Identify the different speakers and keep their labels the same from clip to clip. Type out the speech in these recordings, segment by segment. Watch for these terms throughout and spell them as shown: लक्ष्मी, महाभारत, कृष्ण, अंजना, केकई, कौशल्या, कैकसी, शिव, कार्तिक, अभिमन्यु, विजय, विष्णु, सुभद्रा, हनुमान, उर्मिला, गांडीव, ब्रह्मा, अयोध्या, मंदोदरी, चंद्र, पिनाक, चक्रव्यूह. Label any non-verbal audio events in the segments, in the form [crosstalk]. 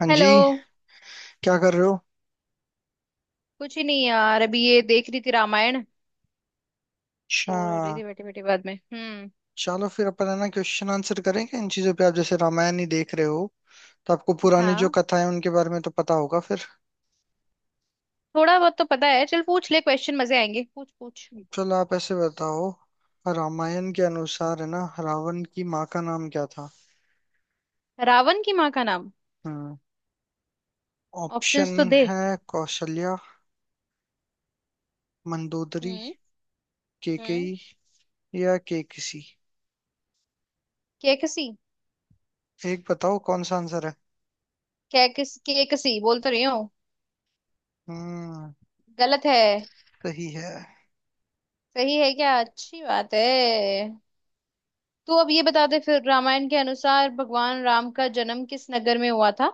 Speaker 1: हाँ
Speaker 2: हेलो।
Speaker 1: जी। क्या कर रहे हो?
Speaker 2: कुछ ही नहीं यार, अभी ये देख रही थी रामायण।
Speaker 1: अच्छा।
Speaker 2: बोर हो रही थी बैठे बैठे। बाद में हम्म।
Speaker 1: चलो फिर अपन है ना, क्वेश्चन आंसर करेंगे इन चीजों पे। आप जैसे रामायण ही देख रहे हो तो आपको पुरानी जो
Speaker 2: हाँ,
Speaker 1: कथा है उनके बारे में तो पता होगा फिर।
Speaker 2: थोड़ा बहुत तो पता है। चल पूछ ले क्वेश्चन, मजे आएंगे। पूछ पूछ।
Speaker 1: चलो आप ऐसे बताओ। रामायण के अनुसार है ना, रावण की माँ का नाम क्या था?
Speaker 2: रावण की माँ का नाम।
Speaker 1: हम्म। ऑप्शन
Speaker 2: ऑप्शंस तो दे।
Speaker 1: है कौशल्या, मंदोदरी,
Speaker 2: हम्म। हम्म।
Speaker 1: केकई या केकसी।
Speaker 2: कैकसी।
Speaker 1: एक बताओ कौन सा आंसर है।
Speaker 2: कैकसी बोल तो रही हूँ।
Speaker 1: हम्म।
Speaker 2: गलत है?
Speaker 1: सही है।
Speaker 2: सही है क्या? अच्छी बात है। तू अब ये बता दे फिर, रामायण के अनुसार भगवान राम का जन्म किस नगर में हुआ था।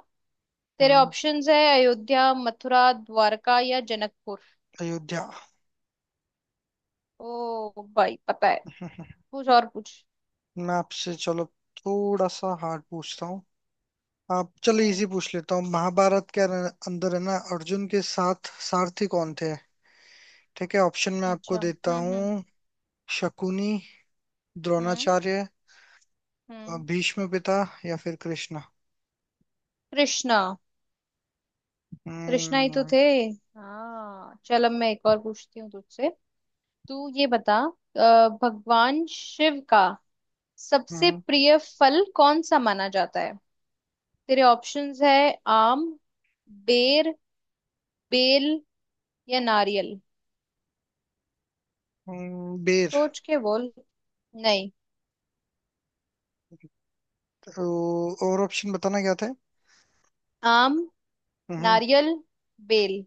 Speaker 2: तेरे
Speaker 1: हम्म।
Speaker 2: ऑप्शंस है अयोध्या, मथुरा, द्वारका या जनकपुर।
Speaker 1: अयोध्या।
Speaker 2: ओ भाई, पता है।
Speaker 1: [laughs]
Speaker 2: कुछ और कुछ।
Speaker 1: मैं आपसे चलो थोड़ा सा हार्ड पूछता हूँ। आप चलो,
Speaker 2: हम्म।
Speaker 1: इजी पूछ लेता हूँ। महाभारत के अंदर है ना, अर्जुन के साथ सारथी कौन थे? ठीक है, ऑप्शन में आपको
Speaker 2: अच्छा।
Speaker 1: देता
Speaker 2: हम्म। हम्म।
Speaker 1: हूँ। शकुनी,
Speaker 2: हम्म।
Speaker 1: द्रोणाचार्य,
Speaker 2: हम्म।
Speaker 1: भीष्म पिता, या फिर कृष्णा।
Speaker 2: कृष्णा। कृष्णा ही तो
Speaker 1: हम्म।
Speaker 2: थे। हाँ चल, अब मैं एक और पूछती हूँ तुझसे। तू ये बता, भगवान शिव का सबसे
Speaker 1: हम्म।
Speaker 2: प्रिय फल कौन सा माना जाता है। तेरे ऑप्शंस है आम, बेर, बेल या नारियल।
Speaker 1: बेर।
Speaker 2: सोच के बोल। नहीं।
Speaker 1: तो और ऑप्शन बताना क्या था?
Speaker 2: आम,
Speaker 1: हम्म।
Speaker 2: नारियल, बेल।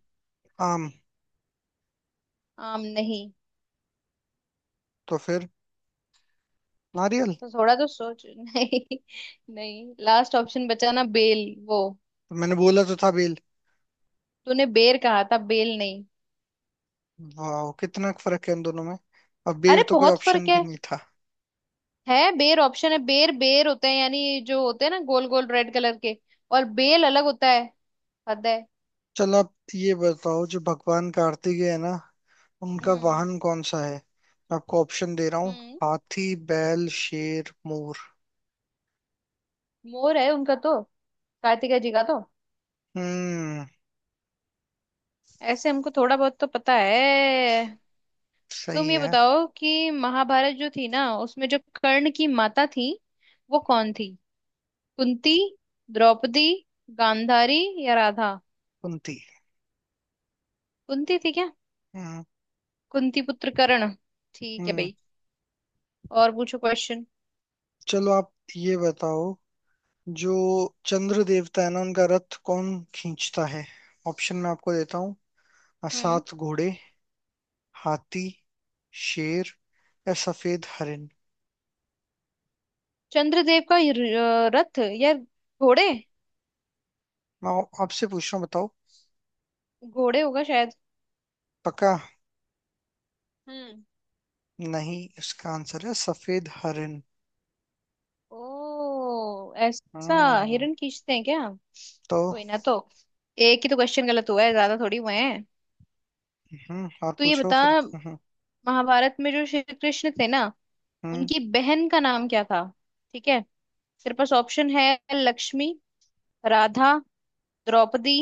Speaker 1: आम।
Speaker 2: आम नहीं।
Speaker 1: तो फिर नारियल।
Speaker 2: तो थोड़ा तो सोच। [laughs] नहीं। नहीं, लास्ट ऑप्शन बचा ना बेल, वो।
Speaker 1: तो मैंने बोला तो था बेल।
Speaker 2: तूने बेर कहा था, बेल नहीं।
Speaker 1: वाह, कितना फर्क है इन दोनों में। अब बेर
Speaker 2: अरे
Speaker 1: तो कोई
Speaker 2: बहुत
Speaker 1: ऑप्शन
Speaker 2: फर्क
Speaker 1: भी
Speaker 2: है।
Speaker 1: नहीं था।
Speaker 2: है, बेर ऑप्शन है। बेर बेर होते हैं यानी जो होते हैं ना, गोल गोल रेड कलर के। और बेल अलग होता है। हद है।
Speaker 1: चलो आप ये बताओ, जो भगवान कार्तिक है ना, उनका
Speaker 2: हम्म।
Speaker 1: वाहन कौन सा है? मैं आपको ऑप्शन दे रहा हूँ।
Speaker 2: हम्म।
Speaker 1: हाथी, बैल, शेर, मोर।
Speaker 2: मोर है उनका तो। कार्तिका जी का तो।
Speaker 1: हम्म।
Speaker 2: ऐसे हमको थोड़ा बहुत तो पता है। तुम
Speaker 1: सही
Speaker 2: ये
Speaker 1: है।
Speaker 2: बताओ कि महाभारत जो थी ना, उसमें जो कर्ण की माता थी वो कौन थी। कुंती, द्रौपदी, गांधारी या राधा।
Speaker 1: कुंती।
Speaker 2: कुंती थी क्या?
Speaker 1: हम्म।
Speaker 2: कुंती पुत्र कर्ण। ठीक है
Speaker 1: हम्म।
Speaker 2: भाई। और पूछो क्वेश्चन।
Speaker 1: चलो आप ये बताओ, जो चंद्र देवता है ना, उनका रथ कौन खींचता है? ऑप्शन मैं आपको देता हूँ।
Speaker 2: हम्म।
Speaker 1: सात घोड़े, हाथी, शेर या सफेद हरिन।
Speaker 2: चंद्रदेव का ये रथ या घोड़े?
Speaker 1: आपसे पूछ रहा हूँ, बताओ।
Speaker 2: घोड़े होगा शायद।
Speaker 1: पक्का?
Speaker 2: हम्म।
Speaker 1: नहीं, इसका आंसर है सफेद हरिन।
Speaker 2: ओ ऐसा।
Speaker 1: हम्म।
Speaker 2: हिरण खींचते हैं क्या?
Speaker 1: तो।
Speaker 2: कोई ना तो। एक ही तो क्वेश्चन गलत हुआ है, ज्यादा थोड़ी हुए हैं।
Speaker 1: हम्म, और
Speaker 2: तो ये
Speaker 1: पूछो
Speaker 2: बता,
Speaker 1: फिर। हम्म।
Speaker 2: महाभारत में जो श्री कृष्ण थे ना,
Speaker 1: हम्म।
Speaker 2: उनकी बहन का नाम क्या था। ठीक है, तेरे पास ऑप्शन है लक्ष्मी, राधा, द्रौपदी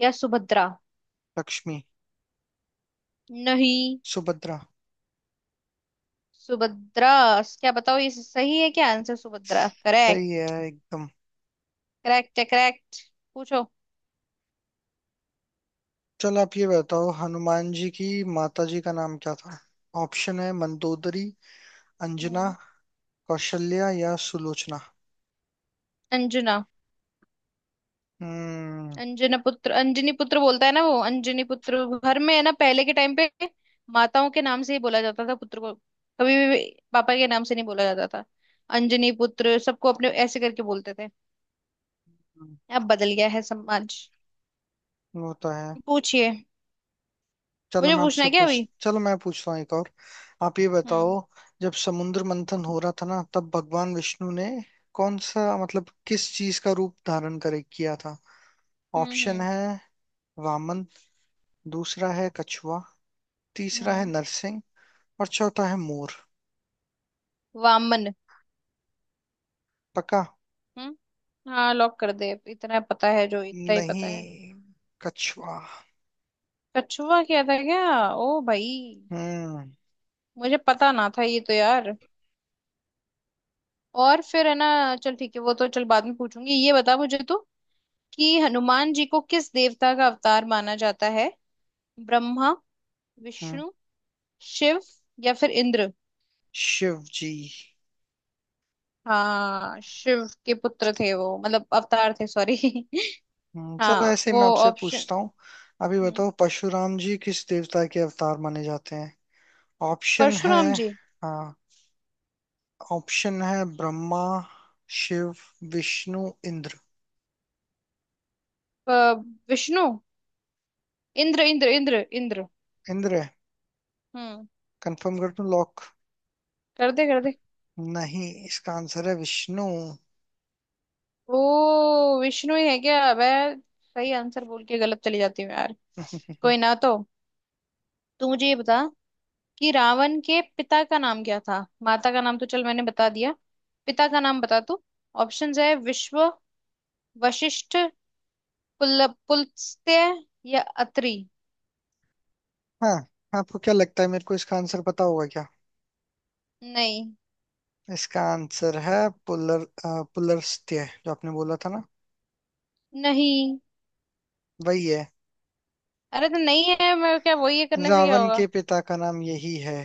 Speaker 2: या सुभद्रा।
Speaker 1: लक्ष्मी।
Speaker 2: नहीं।
Speaker 1: सुभद्रा।
Speaker 2: सुभद्रा। क्या बताओ, ये सही है क्या आंसर? सुभद्रा करेक्ट?
Speaker 1: सही है एकदम।
Speaker 2: करेक्ट है, करेक्ट। पूछो।
Speaker 1: चलो आप ये बताओ, हनुमान जी की माता जी का नाम क्या था? ऑप्शन है मंदोदरी, अंजना,
Speaker 2: हम्म।
Speaker 1: कौशल्या या सुलोचना।
Speaker 2: अंजना।
Speaker 1: हम्म।
Speaker 2: अंजना पुत्र, अंजनी पुत्र बोलता है ना वो, अंजनी पुत्र घर में है ना। पहले के टाइम पे माताओं के नाम से ही बोला जाता था पुत्र को, कभी भी पापा के नाम से नहीं बोला जाता था। अंजनी पुत्र सबको अपने ऐसे करके बोलते थे। अब बदल गया है समाज।
Speaker 1: वो तो है।
Speaker 2: पूछिए। मुझे पूछना है क्या अभी?
Speaker 1: चलो मैं पूछता हूँ एक और। आप ये बताओ,
Speaker 2: हम्म।
Speaker 1: जब समुद्र मंथन हो रहा था ना, तब भगवान विष्णु ने कौन सा मतलब किस चीज का रूप धारण करे किया था?
Speaker 2: हम्म।
Speaker 1: ऑप्शन
Speaker 2: हम्म।
Speaker 1: है वामन, दूसरा है कछुआ, तीसरा है
Speaker 2: हम्म।
Speaker 1: नरसिंह और चौथा है मोर।
Speaker 2: वामन।
Speaker 1: पक्का?
Speaker 2: हाँ लॉक कर दे, इतना पता है जो, इतना ही पता है।
Speaker 1: नहीं, कछुआ।
Speaker 2: कछुआ क्या था क्या? ओ भाई,
Speaker 1: हम्म।
Speaker 2: मुझे पता ना था ये तो यार। और फिर है ना, चल ठीक है, वो तो चल बाद में पूछूंगी। ये बता मुझे तो, कि हनुमान जी को किस देवता का अवतार माना जाता है। ब्रह्मा,
Speaker 1: हम्म,
Speaker 2: विष्णु, शिव या फिर इंद्र।
Speaker 1: शिव जी।
Speaker 2: हाँ, शिव के पुत्र थे वो, मतलब अवतार थे सॉरी। [laughs]
Speaker 1: चलो
Speaker 2: हाँ
Speaker 1: ऐसे ही
Speaker 2: वो,
Speaker 1: मैं आपसे
Speaker 2: ऑप्शन।
Speaker 1: पूछता हूँ। अभी बताओ, परशुराम जी किस देवता के अवतार माने जाते हैं? ऑप्शन है।
Speaker 2: परशुराम जी।
Speaker 1: हाँ, ऑप्शन है ब्रह्मा, शिव, विष्णु, इंद्र।
Speaker 2: अ, विष्णु। इंद्र इंद्र इंद्र इंद्र।
Speaker 1: इंद्र है।
Speaker 2: हम्म।
Speaker 1: कंफर्म कर दूं, लॉक?
Speaker 2: कर दे, कर दे।
Speaker 1: नहीं, इसका आंसर है विष्णु।
Speaker 2: ओ, विष्णु ही है क्या? मैं सही आंसर बोल के गलत चली जाती हूँ यार। कोई
Speaker 1: [laughs]
Speaker 2: ना तो। तू मुझे ये बता, कि रावण के पिता का नाम क्या था। माता का नाम तो चल मैंने बता दिया, पिता का नाम बता तू। ऑप्शंस है विश्व, वशिष्ठ, पुलस्त्य या अत्रि।
Speaker 1: हाँ। आपको क्या लगता है मेरे को इसका आंसर पता होगा क्या?
Speaker 2: नहीं।
Speaker 1: इसका आंसर है पुलस्त्य। जो आपने बोला था ना,
Speaker 2: नहीं,
Speaker 1: वही है।
Speaker 2: अरे तो नहीं है, मैं क्या वही है करने से क्या
Speaker 1: रावण
Speaker 2: होगा।
Speaker 1: के पिता का नाम यही है,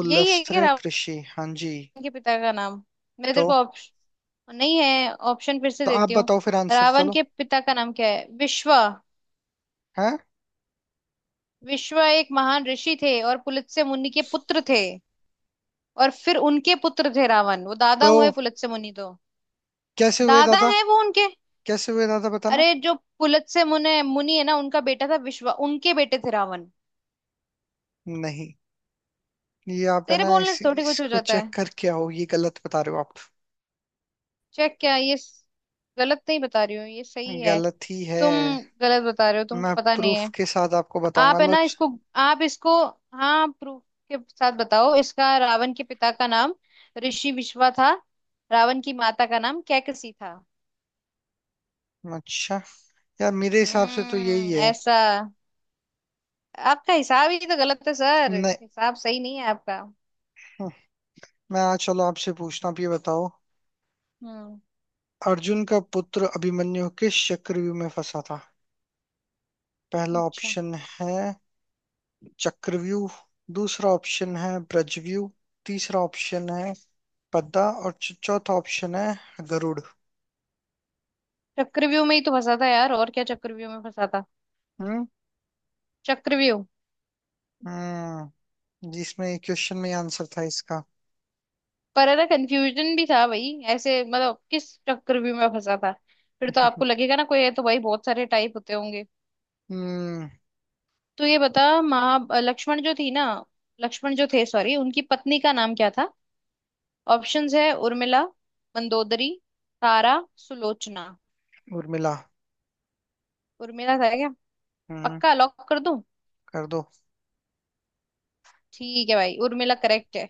Speaker 2: यही है क्या रावण
Speaker 1: ऋषि। हाँ जी।
Speaker 2: के पिता का नाम? मैं
Speaker 1: तो।
Speaker 2: तेरे को ऑप्शन नहीं है, ऑप्शन फिर से
Speaker 1: तो आप
Speaker 2: देती हूँ।
Speaker 1: बताओ फिर आंसर,
Speaker 2: रावण
Speaker 1: चलो।
Speaker 2: के पिता का नाम क्या है? विश्वा।
Speaker 1: हैं?
Speaker 2: विश्व एक महान ऋषि थे और पुलत्स्य मुनि के पुत्र थे। और फिर उनके पुत्र थे रावण, वो दादा
Speaker 1: तो
Speaker 2: हुए पुलत्स्य मुनि तो।
Speaker 1: कैसे हुए
Speaker 2: दादा
Speaker 1: दादा?
Speaker 2: है वो उनके।
Speaker 1: कैसे हुए दादा, बताना।
Speaker 2: अरे जो पुलत्स्य मुनि मुनि है ना, उनका बेटा था विश्व, उनके बेटे थे रावण।
Speaker 1: नहीं, ये आप है
Speaker 2: तेरे
Speaker 1: ना
Speaker 2: बोलने से थोड़ी कुछ हो
Speaker 1: इसको
Speaker 2: जाता
Speaker 1: चेक
Speaker 2: है।
Speaker 1: करके आओ। ये गलत बता रहे हो आप।
Speaker 2: चेक क्या ये गलत नहीं बता रही हूँ, ये सही है।
Speaker 1: गलत ही है।
Speaker 2: तुम गलत बता रहे हो, तुमको
Speaker 1: मैं
Speaker 2: पता नहीं
Speaker 1: प्रूफ
Speaker 2: है।
Speaker 1: के साथ आपको बताऊंगा,
Speaker 2: आप है
Speaker 1: लो।
Speaker 2: ना इसको, आप इसको। हाँ प्रूफ के साथ बताओ इसका। रावण के पिता का नाम ऋषि विश्वा था। रावण की माता का नाम कैकसी था।
Speaker 1: अच्छा। यार मेरे हिसाब से तो यही है।
Speaker 2: ऐसा। आपका हिसाब ही तो गलत है सर।
Speaker 1: नहीं।
Speaker 2: हिसाब सही नहीं है आपका।
Speaker 1: हम्म, चलो आपसे पूछता हूँ। आप ये बताओ,
Speaker 2: हम्म।
Speaker 1: अर्जुन का पुत्र अभिमन्यु किस चक्रव्यूह में फंसा था? पहला
Speaker 2: अच्छा।
Speaker 1: ऑप्शन है चक्रव्यूह, दूसरा ऑप्शन है ब्रजव्यूह, तीसरा ऑप्शन है पद्दा और चौथा ऑप्शन है गरुड़।
Speaker 2: चक्रव्यूह में ही तो फंसा था यार, और क्या चक्रव्यूह में फंसा था।
Speaker 1: हम्म।
Speaker 2: चक्रव्यूह।
Speaker 1: हम्म, जिसमें ये क्वेश्चन में आंसर था इसका।
Speaker 2: पर है ना, कंफ्यूजन भी था भाई ऐसे, मतलब किस चक्रव्यूह में फंसा था। फिर तो आपको लगेगा ना, कोई है तो भाई बहुत सारे टाइप होते होंगे।
Speaker 1: हम्म।
Speaker 2: तो ये बता, महा लक्ष्मण जो थी ना, लक्ष्मण जो थे सॉरी, उनकी पत्नी का नाम क्या था। ऑप्शंस है उर्मिला, मंदोदरी, तारा, सुलोचना।
Speaker 1: उर्मिला।
Speaker 2: उर्मिला था क्या?
Speaker 1: हम्म।
Speaker 2: पक्का लॉक कर दूं?
Speaker 1: कर दो।
Speaker 2: ठीक है भाई, उर्मिला करेक्ट है।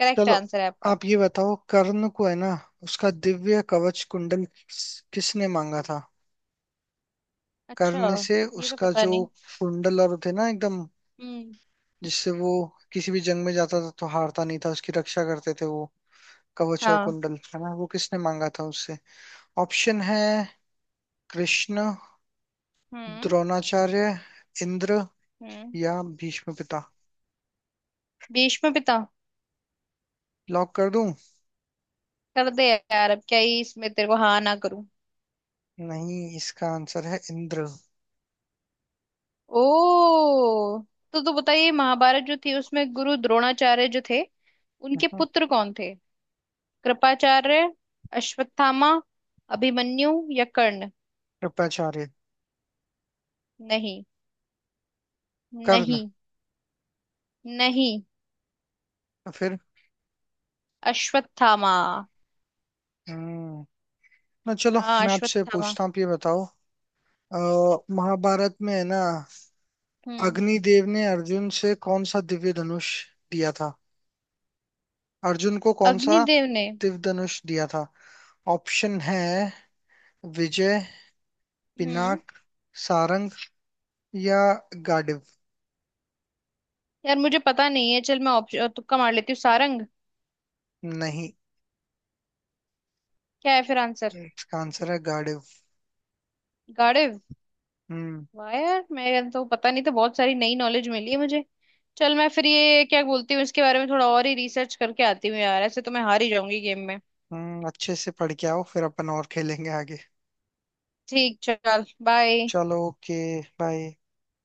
Speaker 2: करेक्ट
Speaker 1: चलो
Speaker 2: आंसर है आपका।
Speaker 1: आप ये बताओ, कर्ण को है ना, उसका दिव्य कवच कुंडल किसने मांगा था?
Speaker 2: अच्छा।
Speaker 1: कर्ण से
Speaker 2: ये तो
Speaker 1: उसका
Speaker 2: पता
Speaker 1: जो
Speaker 2: नहीं।
Speaker 1: कुंडल और थे ना एकदम,
Speaker 2: हम्म।
Speaker 1: जिससे वो किसी भी जंग में जाता था तो हारता नहीं था, उसकी रक्षा करते थे वो। कवच और
Speaker 2: हाँ।
Speaker 1: कुंडल है ना, वो किसने मांगा था उससे? ऑप्शन है कृष्ण,
Speaker 2: हम्म।
Speaker 1: द्रोणाचार्य, इंद्र
Speaker 2: हम्म।
Speaker 1: या भीष्म पिता।
Speaker 2: भीष्म पिता।
Speaker 1: लॉक कर दूं?
Speaker 2: कर दे यार, अब क्या ही इसमें तेरे को हाँ ना करूं।
Speaker 1: नहीं, इसका आंसर है इंद्र।
Speaker 2: ओ। तो बताइए, महाभारत जो थी उसमें गुरु द्रोणाचार्य जो थे, उनके
Speaker 1: हम्म,
Speaker 2: पुत्र कौन थे। कृपाचार्य, अश्वत्थामा, अभिमन्यु या कर्ण।
Speaker 1: कृपाचार्य।
Speaker 2: नहीं।
Speaker 1: कर्ण।
Speaker 2: नहीं। नहीं।
Speaker 1: फिर।
Speaker 2: अश्वत्थामा।
Speaker 1: हम्म। ना, चलो
Speaker 2: हाँ
Speaker 1: मैं आपसे
Speaker 2: अश्वत्थामा।
Speaker 1: पूछता हूँ। आप ये बताओ, अ, महाभारत में है ना,
Speaker 2: हम्म।
Speaker 1: अग्निदेव ने अर्जुन से कौन सा दिव्य धनुष दिया था? अर्जुन को कौन सा
Speaker 2: अग्निदेव ने।
Speaker 1: दिव्य धनुष दिया था? ऑप्शन है विजय,
Speaker 2: हम्म।
Speaker 1: पिनाक, सारंग या गांडीव।
Speaker 2: यार मुझे पता नहीं है, चल मैं ऑप्शन तुक्का मार लेती हूँ, सारंग।
Speaker 1: नहीं,
Speaker 2: क्या है फिर आंसर?
Speaker 1: इसका आंसर है गांडीव।
Speaker 2: गाड़िव।
Speaker 1: हम्म।
Speaker 2: वाह यार, मैं तो पता नहीं था, बहुत सारी नई नॉलेज मिली है मुझे। चल मैं फिर, ये क्या बोलती हूँ, इसके बारे में थोड़ा और ही रिसर्च करके आती हूँ यार, ऐसे तो मैं हार ही जाऊंगी गेम में।
Speaker 1: हम्म, अच्छे से पढ़ के आओ फिर अपन और खेलेंगे आगे।
Speaker 2: ठीक चल, बाय।
Speaker 1: चलो, ओके, बाय।